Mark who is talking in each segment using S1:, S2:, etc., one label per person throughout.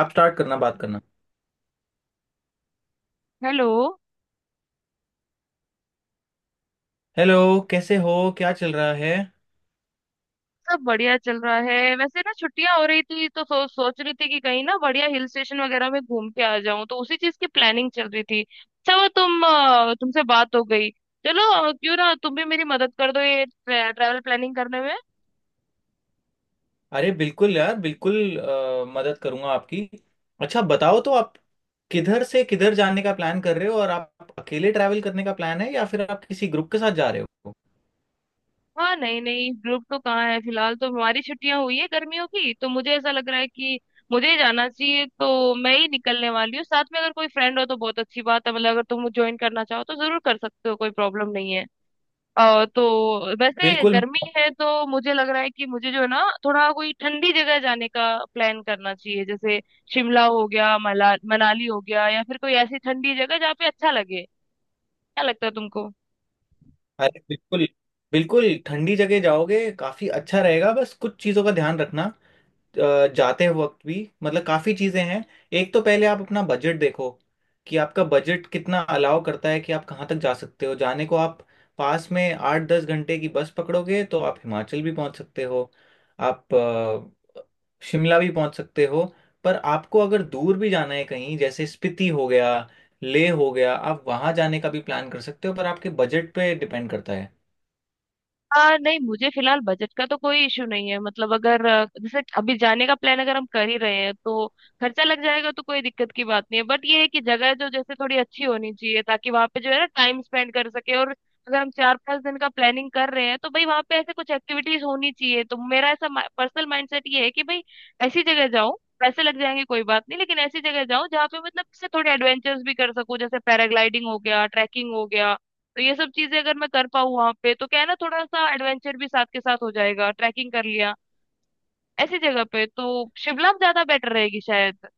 S1: आप स्टार्ट करना बात करना।
S2: हेलो।
S1: हेलो, कैसे हो, क्या चल रहा है?
S2: सब बढ़िया चल रहा है, वैसे ना छुट्टियां हो रही थी तो सोच रही थी कि कहीं ना बढ़िया हिल स्टेशन वगैरह में घूम के आ जाऊं, तो उसी चीज की प्लानिंग चल रही थी। अच्छा, वो तुमसे बात हो गई? चलो, क्यों ना तुम भी मेरी मदद कर दो ये ट्रैवल प्लानिंग करने में।
S1: अरे बिल्कुल यार, बिल्कुल मदद करूंगा आपकी। अच्छा बताओ तो आप किधर से किधर जाने का प्लान कर रहे हो, और आप अकेले ट्रैवल करने का प्लान है या फिर आप किसी ग्रुप के साथ जा रहे हो?
S2: हाँ नहीं नहीं, ग्रुप तो कहाँ है, फिलहाल तो हमारी छुट्टियां हुई है गर्मियों की, तो मुझे ऐसा लग रहा है कि मुझे ही जाना चाहिए, तो मैं ही निकलने वाली हूँ। साथ में अगर कोई फ्रेंड हो तो बहुत अच्छी बात है, मतलब अगर तुम ज्वाइन करना चाहो तो जरूर कर सकते हो, कोई प्रॉब्लम नहीं है। तो वैसे
S1: बिल्कुल
S2: गर्मी है तो मुझे लग रहा है कि मुझे जो है ना थोड़ा कोई ठंडी जगह जाने का प्लान करना चाहिए, जैसे शिमला हो गया, मला मनाली हो गया, या फिर कोई ऐसी ठंडी जगह जहाँ पे अच्छा लगे। क्या लगता है तुमको?
S1: अरे बिल्कुल, बिल्कुल ठंडी जगह जाओगे काफी अच्छा रहेगा। बस कुछ चीजों का ध्यान रखना जाते वक्त भी, मतलब काफ़ी चीज़ें हैं। एक तो पहले आप अपना बजट देखो कि आपका बजट कितना अलाउ करता है, कि आप कहाँ तक जा सकते हो। जाने को आप पास में आठ दस घंटे की बस पकड़ोगे तो आप हिमाचल भी पहुँच सकते हो। आप शिमला भी पहुँच सकते हो। पर आपको अगर दूर भी जाना है कहीं जैसे स्पीति हो गया, लेह हो गया, आप वहाँ जाने का भी प्लान कर सकते हो, पर आपके बजट पे डिपेंड करता है।
S2: नहीं, मुझे फिलहाल बजट का तो कोई इशू नहीं है, मतलब अगर जैसे अभी जाने का प्लान अगर हम कर ही रहे हैं तो खर्चा लग जाएगा, तो कोई दिक्कत की बात नहीं है। बट ये है कि जगह जो जैसे थोड़ी अच्छी होनी चाहिए ताकि वहां पे जो है ना टाइम स्पेंड कर सके, और अगर हम चार पांच दिन का प्लानिंग कर रहे हैं तो भाई वहां पे ऐसे कुछ एक्टिविटीज होनी चाहिए। तो मेरा ऐसा पर्सनल माइंडसेट ये है कि भाई ऐसी जगह जाओ, पैसे लग जाएंगे कोई बात नहीं, लेकिन ऐसी जगह जाओ जहाँ पे मतलब से थोड़े एडवेंचर्स भी कर सको, जैसे पैराग्लाइडिंग हो गया, ट्रैकिंग हो गया। तो ये सब चीजें अगर मैं कर पाऊँ वहां पे तो क्या है ना थोड़ा सा एडवेंचर भी साथ के साथ हो जाएगा, ट्रैकिंग कर लिया ऐसी जगह पे तो। शिमला ज्यादा बेटर रहेगी शायद।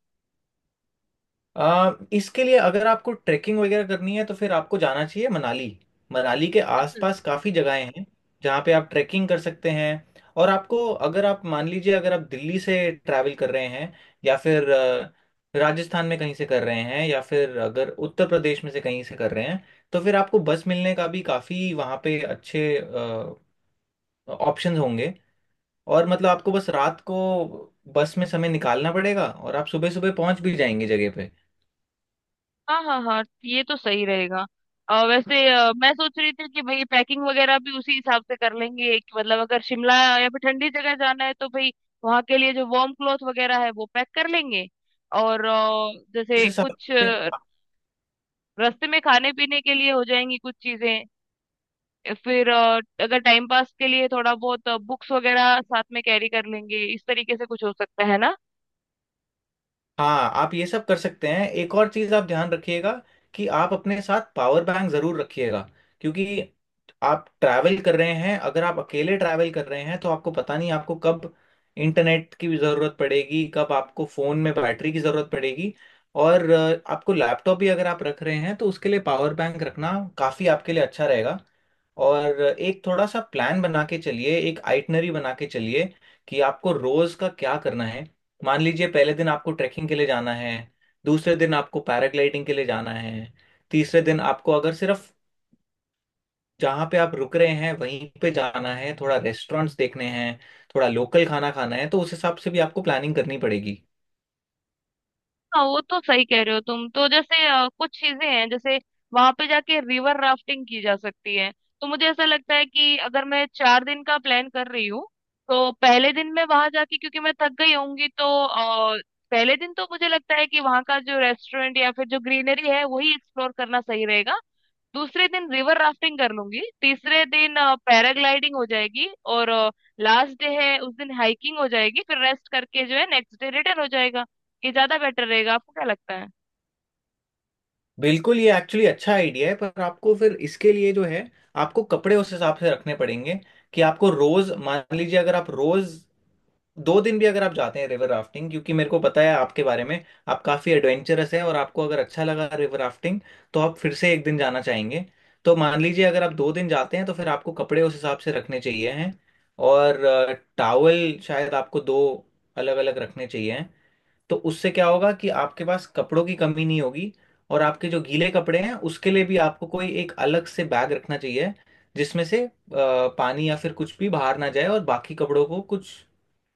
S1: इसके लिए अगर आपको ट्रैकिंग वगैरह करनी है तो फिर आपको जाना चाहिए मनाली। मनाली के
S2: अच्छा अच्छा,
S1: आसपास काफ़ी जगहें हैं जहाँ पे आप ट्रैकिंग कर सकते हैं। और आपको, अगर आप मान लीजिए अगर आप दिल्ली से ट्रैवल कर रहे हैं, या फिर राजस्थान में कहीं से कर रहे हैं, या फिर अगर उत्तर प्रदेश में से कहीं से कर रहे हैं, तो फिर आपको बस मिलने का भी काफ़ी वहाँ पे अच्छे ऑप्शंस होंगे। और मतलब आपको बस रात को बस में समय निकालना पड़ेगा और आप सुबह सुबह पहुंच भी जाएंगे जगह पे।
S2: हाँ हाँ हाँ ये तो सही रहेगा। और वैसे मैं सोच रही थी कि भाई पैकिंग वगैरह भी उसी हिसाब से कर लेंगे कि मतलब अगर शिमला या फिर ठंडी जगह जाना है तो भाई वहाँ के लिए जो वार्म क्लॉथ वगैरह है वो पैक कर लेंगे। और
S1: उस
S2: जैसे
S1: हिसाब
S2: कुछ
S1: से
S2: रास्ते में खाने पीने के लिए हो जाएंगी कुछ चीजें। फिर अगर टाइम पास के लिए थोड़ा बहुत बुक्स वगैरह साथ में कैरी कर लेंगे, इस तरीके से कुछ हो सकता है ना?
S1: हाँ, आप ये सब कर सकते हैं। एक और चीज आप ध्यान रखिएगा कि आप अपने साथ पावर बैंक जरूर रखिएगा, क्योंकि आप ट्रैवल कर रहे हैं, अगर आप अकेले ट्रैवल कर रहे हैं तो आपको पता नहीं आपको कब इंटरनेट की भी जरूरत पड़ेगी, कब आपको फोन में बैटरी की जरूरत पड़ेगी। और आपको लैपटॉप भी अगर आप रख रहे हैं तो उसके लिए पावर बैंक रखना काफी आपके लिए अच्छा रहेगा। और एक थोड़ा सा प्लान बना के चलिए, एक आइटनरी बना के चलिए कि आपको रोज का क्या करना है। मान लीजिए पहले दिन आपको ट्रैकिंग के लिए जाना है, दूसरे दिन आपको पैराग्लाइडिंग के लिए जाना है, तीसरे दिन आपको अगर सिर्फ जहाँ पे आप रुक रहे हैं वहीं पे जाना है, थोड़ा रेस्टोरेंट्स देखने हैं, थोड़ा लोकल खाना खाना है, तो उस हिसाब से भी आपको प्लानिंग करनी पड़ेगी।
S2: हाँ वो तो सही कह रहे हो तुम, तो जैसे कुछ चीजें हैं, जैसे वहां पे जाके रिवर राफ्टिंग की जा सकती है, तो मुझे ऐसा लगता है कि अगर मैं 4 दिन का प्लान कर रही हूँ तो पहले दिन मैं वहां जाके क्योंकि मैं थक गई होंगी तो पहले दिन तो मुझे लगता है कि वहां का जो रेस्टोरेंट या फिर जो ग्रीनरी है वही एक्सप्लोर करना सही रहेगा। दूसरे दिन रिवर राफ्टिंग कर लूंगी, तीसरे दिन पैराग्लाइडिंग हो जाएगी, और लास्ट डे है उस दिन हाइकिंग हो जाएगी, फिर रेस्ट करके जो है नेक्स्ट डे रिटर्न हो जाएगा। ये ज्यादा बेटर रहेगा, आपको क्या लगता है?
S1: बिल्कुल, ये एक्चुअली अच्छा आइडिया है, पर आपको फिर इसके लिए जो है, आपको कपड़े उस हिसाब से रखने पड़ेंगे। कि आपको रोज मान लीजिए अगर आप रोज दो दिन भी अगर आप जाते हैं रिवर राफ्टिंग, क्योंकि मेरे को पता है आपके बारे में, आप काफ़ी एडवेंचरस है, और आपको अगर अच्छा लगा रिवर राफ्टिंग तो आप फिर से एक दिन जाना चाहेंगे। तो मान लीजिए अगर आप दो दिन जाते हैं, तो फिर आपको कपड़े उस हिसाब से रखने चाहिए हैं। और टावल शायद आपको दो अलग अलग रखने चाहिए हैं। तो उससे क्या होगा कि आपके पास कपड़ों की कमी नहीं होगी। और आपके जो गीले कपड़े हैं उसके लिए भी आपको कोई एक अलग से बैग रखना चाहिए, जिसमें से पानी या फिर कुछ भी बाहर ना जाए और बाकी कपड़ों को कुछ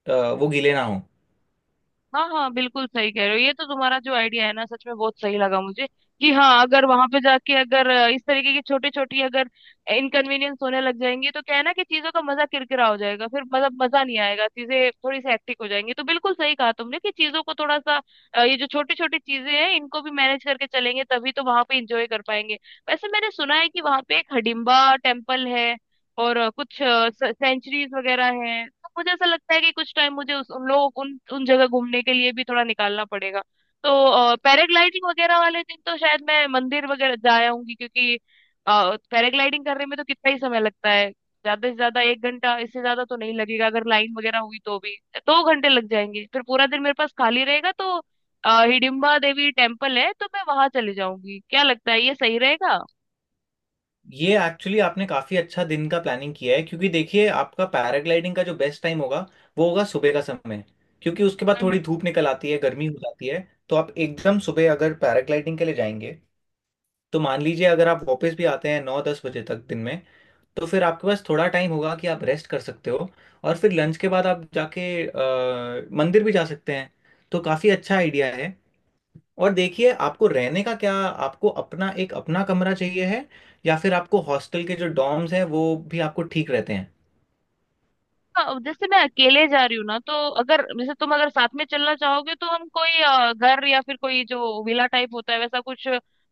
S1: अ, वो गीले ना हो।
S2: हाँ हाँ, बिल्कुल सही कह रहे हो, ये तो तुम्हारा जो आइडिया है ना सच में बहुत सही लगा मुझे कि हाँ अगर वहां पे जाके अगर इस तरीके की छोटी छोटी अगर इनकन्वीनियंस होने लग जाएंगी तो क्या है ना कि चीजों का मजा किरकिरा हो जाएगा, फिर मतलब मजा नहीं आएगा, चीजें थोड़ी सी हेक्टिक हो जाएंगी। तो बिल्कुल सही कहा तुमने कि चीजों को थोड़ा सा ये जो छोटी छोटी चीजें हैं इनको भी मैनेज करके चलेंगे, तभी तो वहां पे इंजॉय कर पाएंगे। वैसे मैंने सुना है कि वहां पे एक हडिम्बा टेम्पल है और कुछ सेंचुरीज वगैरह हैं, तो मुझे ऐसा लगता है कि कुछ टाइम मुझे उस उन लोग उन उन जगह घूमने के लिए भी थोड़ा निकालना पड़ेगा। तो पैराग्लाइडिंग वगैरह वाले दिन तो शायद मैं मंदिर वगैरह जा आऊंगी, क्योंकि पैराग्लाइडिंग करने में तो कितना ही समय लगता है, ज्यादा से ज्यादा 1 घंटा, इससे ज्यादा तो नहीं लगेगा। अगर लाइन वगैरह हुई तो भी 2 घंटे लग जाएंगे, फिर पूरा दिन मेरे पास खाली रहेगा। तो हिडिंबा देवी टेम्पल है तो मैं वहां चली जाऊंगी। क्या लगता है, ये सही रहेगा?
S1: ये एक्चुअली आपने काफी अच्छा दिन का प्लानिंग किया है, क्योंकि देखिए आपका पैराग्लाइडिंग का जो बेस्ट टाइम होगा वो होगा सुबह का समय, क्योंकि उसके बाद
S2: हम्म।
S1: थोड़ी धूप निकल आती है, गर्मी हो जाती है। तो आप एकदम सुबह अगर पैराग्लाइडिंग के लिए जाएंगे, तो मान लीजिए अगर आप वापस भी आते हैं नौ दस बजे तक दिन में, तो फिर आपके पास थोड़ा टाइम होगा कि आप रेस्ट कर सकते हो, और फिर लंच के बाद आप जाके मंदिर भी जा सकते हैं। तो काफी अच्छा आइडिया है। और देखिए आपको रहने का क्या, आपको अपना एक अपना कमरा चाहिए है, या फिर आपको हॉस्टल के जो डॉर्म्स हैं वो भी आपको ठीक रहते हैं?
S2: हाँ, जैसे मैं अकेले जा रही हूँ ना तो अगर जैसे तुम अगर साथ में चलना चाहोगे तो हम कोई घर या फिर कोई जो विला टाइप होता है वैसा कुछ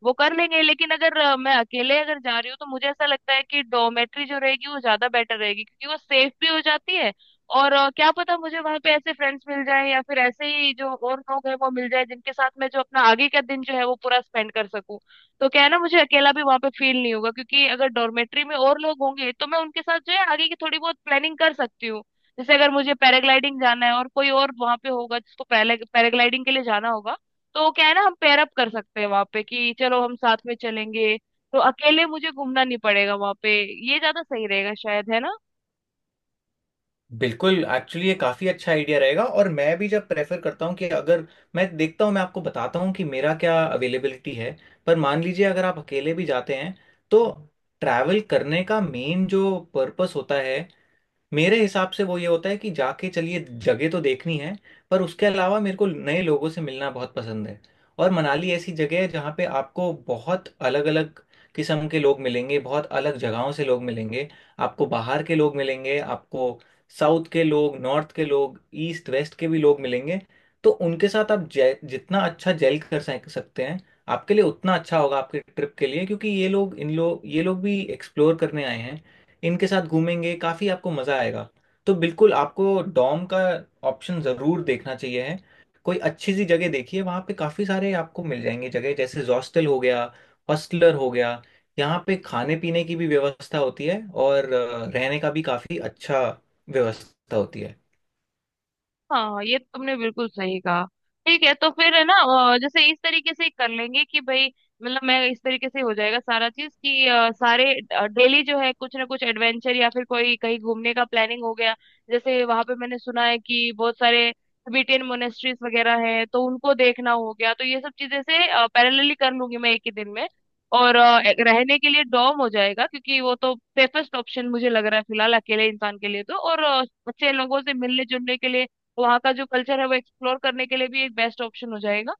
S2: वो कर लेंगे, लेकिन अगर मैं अकेले अगर जा रही हूँ तो मुझे ऐसा लगता है कि डोमेट्री जो रहेगी वो ज्यादा बेटर रहेगी क्योंकि वो सेफ भी हो जाती है। और क्या पता मुझे वहां पे ऐसे फ्रेंड्स मिल जाए या फिर ऐसे ही जो और लोग हैं वो मिल जाए जिनके साथ मैं जो अपना आगे का दिन जो है वो पूरा स्पेंड कर सकूं। तो क्या है ना मुझे अकेला भी वहां पे फील नहीं होगा, क्योंकि अगर डॉर्मेट्री में और लोग होंगे तो मैं उनके साथ जो है आगे की थोड़ी बहुत प्लानिंग कर सकती हूँ। जैसे अगर मुझे पैराग्लाइडिंग जाना है और कोई और वहां पे होगा जिसको पैराग्लाइडिंग के लिए जाना होगा तो क्या है ना हम पेयर अप कर सकते हैं वहां पे कि चलो हम साथ में चलेंगे, तो अकेले मुझे घूमना नहीं पड़ेगा वहां पे। ये ज्यादा सही रहेगा शायद, है ना?
S1: बिल्कुल, एक्चुअली ये काफ़ी अच्छा आइडिया रहेगा, और मैं भी जब प्रेफर करता हूँ कि अगर, मैं देखता हूँ, मैं आपको बताता हूँ कि मेरा क्या अवेलेबिलिटी है। पर मान लीजिए अगर आप अकेले भी जाते हैं, तो ट्रैवल करने का मेन जो पर्पस होता है मेरे हिसाब से वो ये होता है कि जाके चलिए, जगह तो देखनी है, पर उसके अलावा मेरे को नए लोगों से मिलना बहुत पसंद है। और मनाली ऐसी जगह है जहाँ पे आपको बहुत अलग अलग किस्म के लोग मिलेंगे, बहुत अलग जगहों से लोग मिलेंगे। आपको बाहर के लोग मिलेंगे, आपको साउथ के लोग, नॉर्थ के लोग, ईस्ट वेस्ट के भी लोग मिलेंगे। तो उनके साथ आप जितना अच्छा जेल कर सकते हैं, आपके लिए उतना अच्छा होगा, आपके ट्रिप के लिए, क्योंकि ये लोग इन लोग ये लोग भी एक्सप्लोर करने आए हैं। इनके साथ घूमेंगे, काफ़ी आपको मज़ा आएगा। तो बिल्कुल आपको डॉम का ऑप्शन ज़रूर देखना चाहिए है। कोई अच्छी सी जगह देखिए, वहाँ पे काफ़ी सारे आपको मिल जाएंगे जगह, जैसे हॉस्टल हो गया, हॉस्टलर हो गया। यहाँ पे खाने पीने की भी व्यवस्था होती है, और रहने का भी काफ़ी अच्छा व्यवस्था होती है।
S2: हाँ ये तुमने बिल्कुल सही कहा। ठीक है, तो फिर है ना जैसे इस तरीके से कर लेंगे कि भाई, मतलब मैं इस तरीके से हो जाएगा सारा चीज कि सारे डेली जो है कुछ ना कुछ एडवेंचर या फिर कोई कहीं घूमने का प्लानिंग हो गया, जैसे वहां पे मैंने सुना है कि बहुत सारे तिबेटियन मोनेस्ट्रीज वगैरह हैं तो उनको देखना हो गया, तो ये सब चीजें से पैरेलली कर लूंगी मैं एक ही दिन में। और एक रहने के लिए डॉर्म हो जाएगा क्योंकि वो तो सेफेस्ट ऑप्शन मुझे लग रहा है फिलहाल अकेले इंसान के लिए, तो और अच्छे लोगों से मिलने जुलने के लिए, वहाँ का जो कल्चर है वो एक्सप्लोर करने के लिए भी एक बेस्ट ऑप्शन हो जाएगा।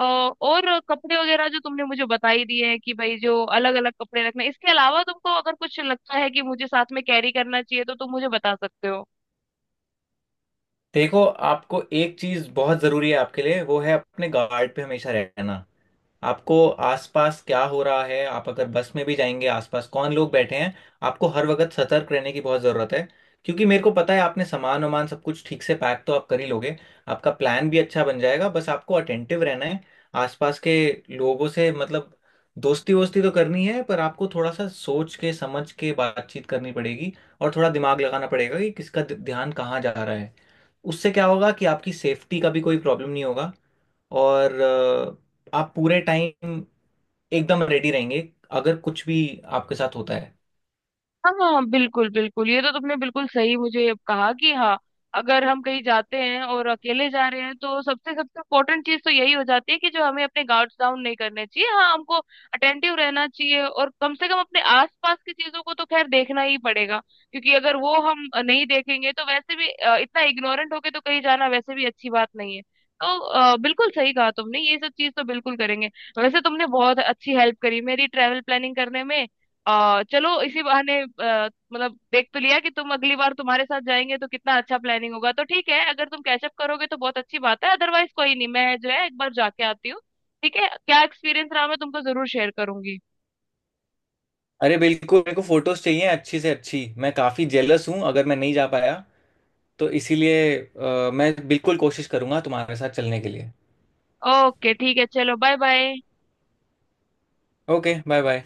S2: और कपड़े वगैरह जो तुमने मुझे बता ही दिए हैं कि भाई जो अलग अलग कपड़े रखने, इसके अलावा तुमको अगर कुछ लगता है कि मुझे साथ में कैरी करना चाहिए तो तुम मुझे बता सकते हो।
S1: देखो आपको एक चीज़ बहुत ज़रूरी है आपके लिए, वो है अपने गार्ड पे हमेशा रहना। आपको आसपास क्या हो रहा है, आप अगर बस में भी जाएंगे आसपास कौन लोग बैठे हैं, आपको हर वक्त सतर्क रहने की बहुत ज़रूरत है। क्योंकि मेरे को पता है आपने सामान वामान सब कुछ ठीक से पैक तो आप कर ही लोगे, आपका प्लान भी अच्छा बन जाएगा, बस आपको अटेंटिव रहना है। आसपास के लोगों से, मतलब दोस्ती वोस्ती तो करनी है, पर आपको थोड़ा सा सोच के समझ के बातचीत करनी पड़ेगी, और थोड़ा दिमाग लगाना पड़ेगा कि किसका ध्यान कहाँ जा रहा है। उससे क्या होगा कि आपकी सेफ्टी का भी कोई प्रॉब्लम नहीं होगा। और आप पूरे टाइम एकदम रेडी रहेंगे अगर कुछ भी आपके साथ होता है।
S2: हाँ हाँ, बिल्कुल बिल्कुल, ये तो तुमने बिल्कुल सही मुझे कहा कि हाँ अगर हम कहीं जाते हैं और अकेले जा रहे हैं तो सबसे सबसे इम्पोर्टेंट चीज तो यही हो जाती है कि जो हमें अपने गार्ड्स डाउन नहीं करने चाहिए। हाँ हमको अटेंटिव रहना चाहिए और कम से कम अपने आसपास की चीजों को तो खैर देखना ही पड़ेगा, क्योंकि अगर वो हम नहीं देखेंगे तो वैसे भी इतना इग्नोरेंट होके तो कहीं जाना वैसे भी अच्छी बात नहीं है। तो बिल्कुल सही कहा तुमने, ये सब चीज तो बिल्कुल करेंगे। वैसे तुमने बहुत अच्छी हेल्प करी मेरी ट्रेवल प्लानिंग करने में। चलो इसी बहाने मतलब देख तो लिया कि तुम, अगली बार तुम्हारे साथ जाएंगे तो कितना अच्छा प्लानिंग होगा, तो ठीक है अगर तुम कैचअप करोगे तो बहुत अच्छी बात है, अदरवाइज कोई नहीं, मैं जो है एक बार जाके आती हूँ। ठीक है, क्या एक्सपीरियंस रहा मैं तुमको जरूर शेयर करूंगी।
S1: अरे बिल्कुल, मेरे को फोटोज चाहिए अच्छी से अच्छी। मैं काफी जेलस हूँ, अगर मैं नहीं जा पाया तो इसीलिए मैं बिल्कुल कोशिश करूंगा तुम्हारे साथ चलने के लिए।
S2: ओके ठीक है, चलो bye bye.
S1: Okay, bye bye.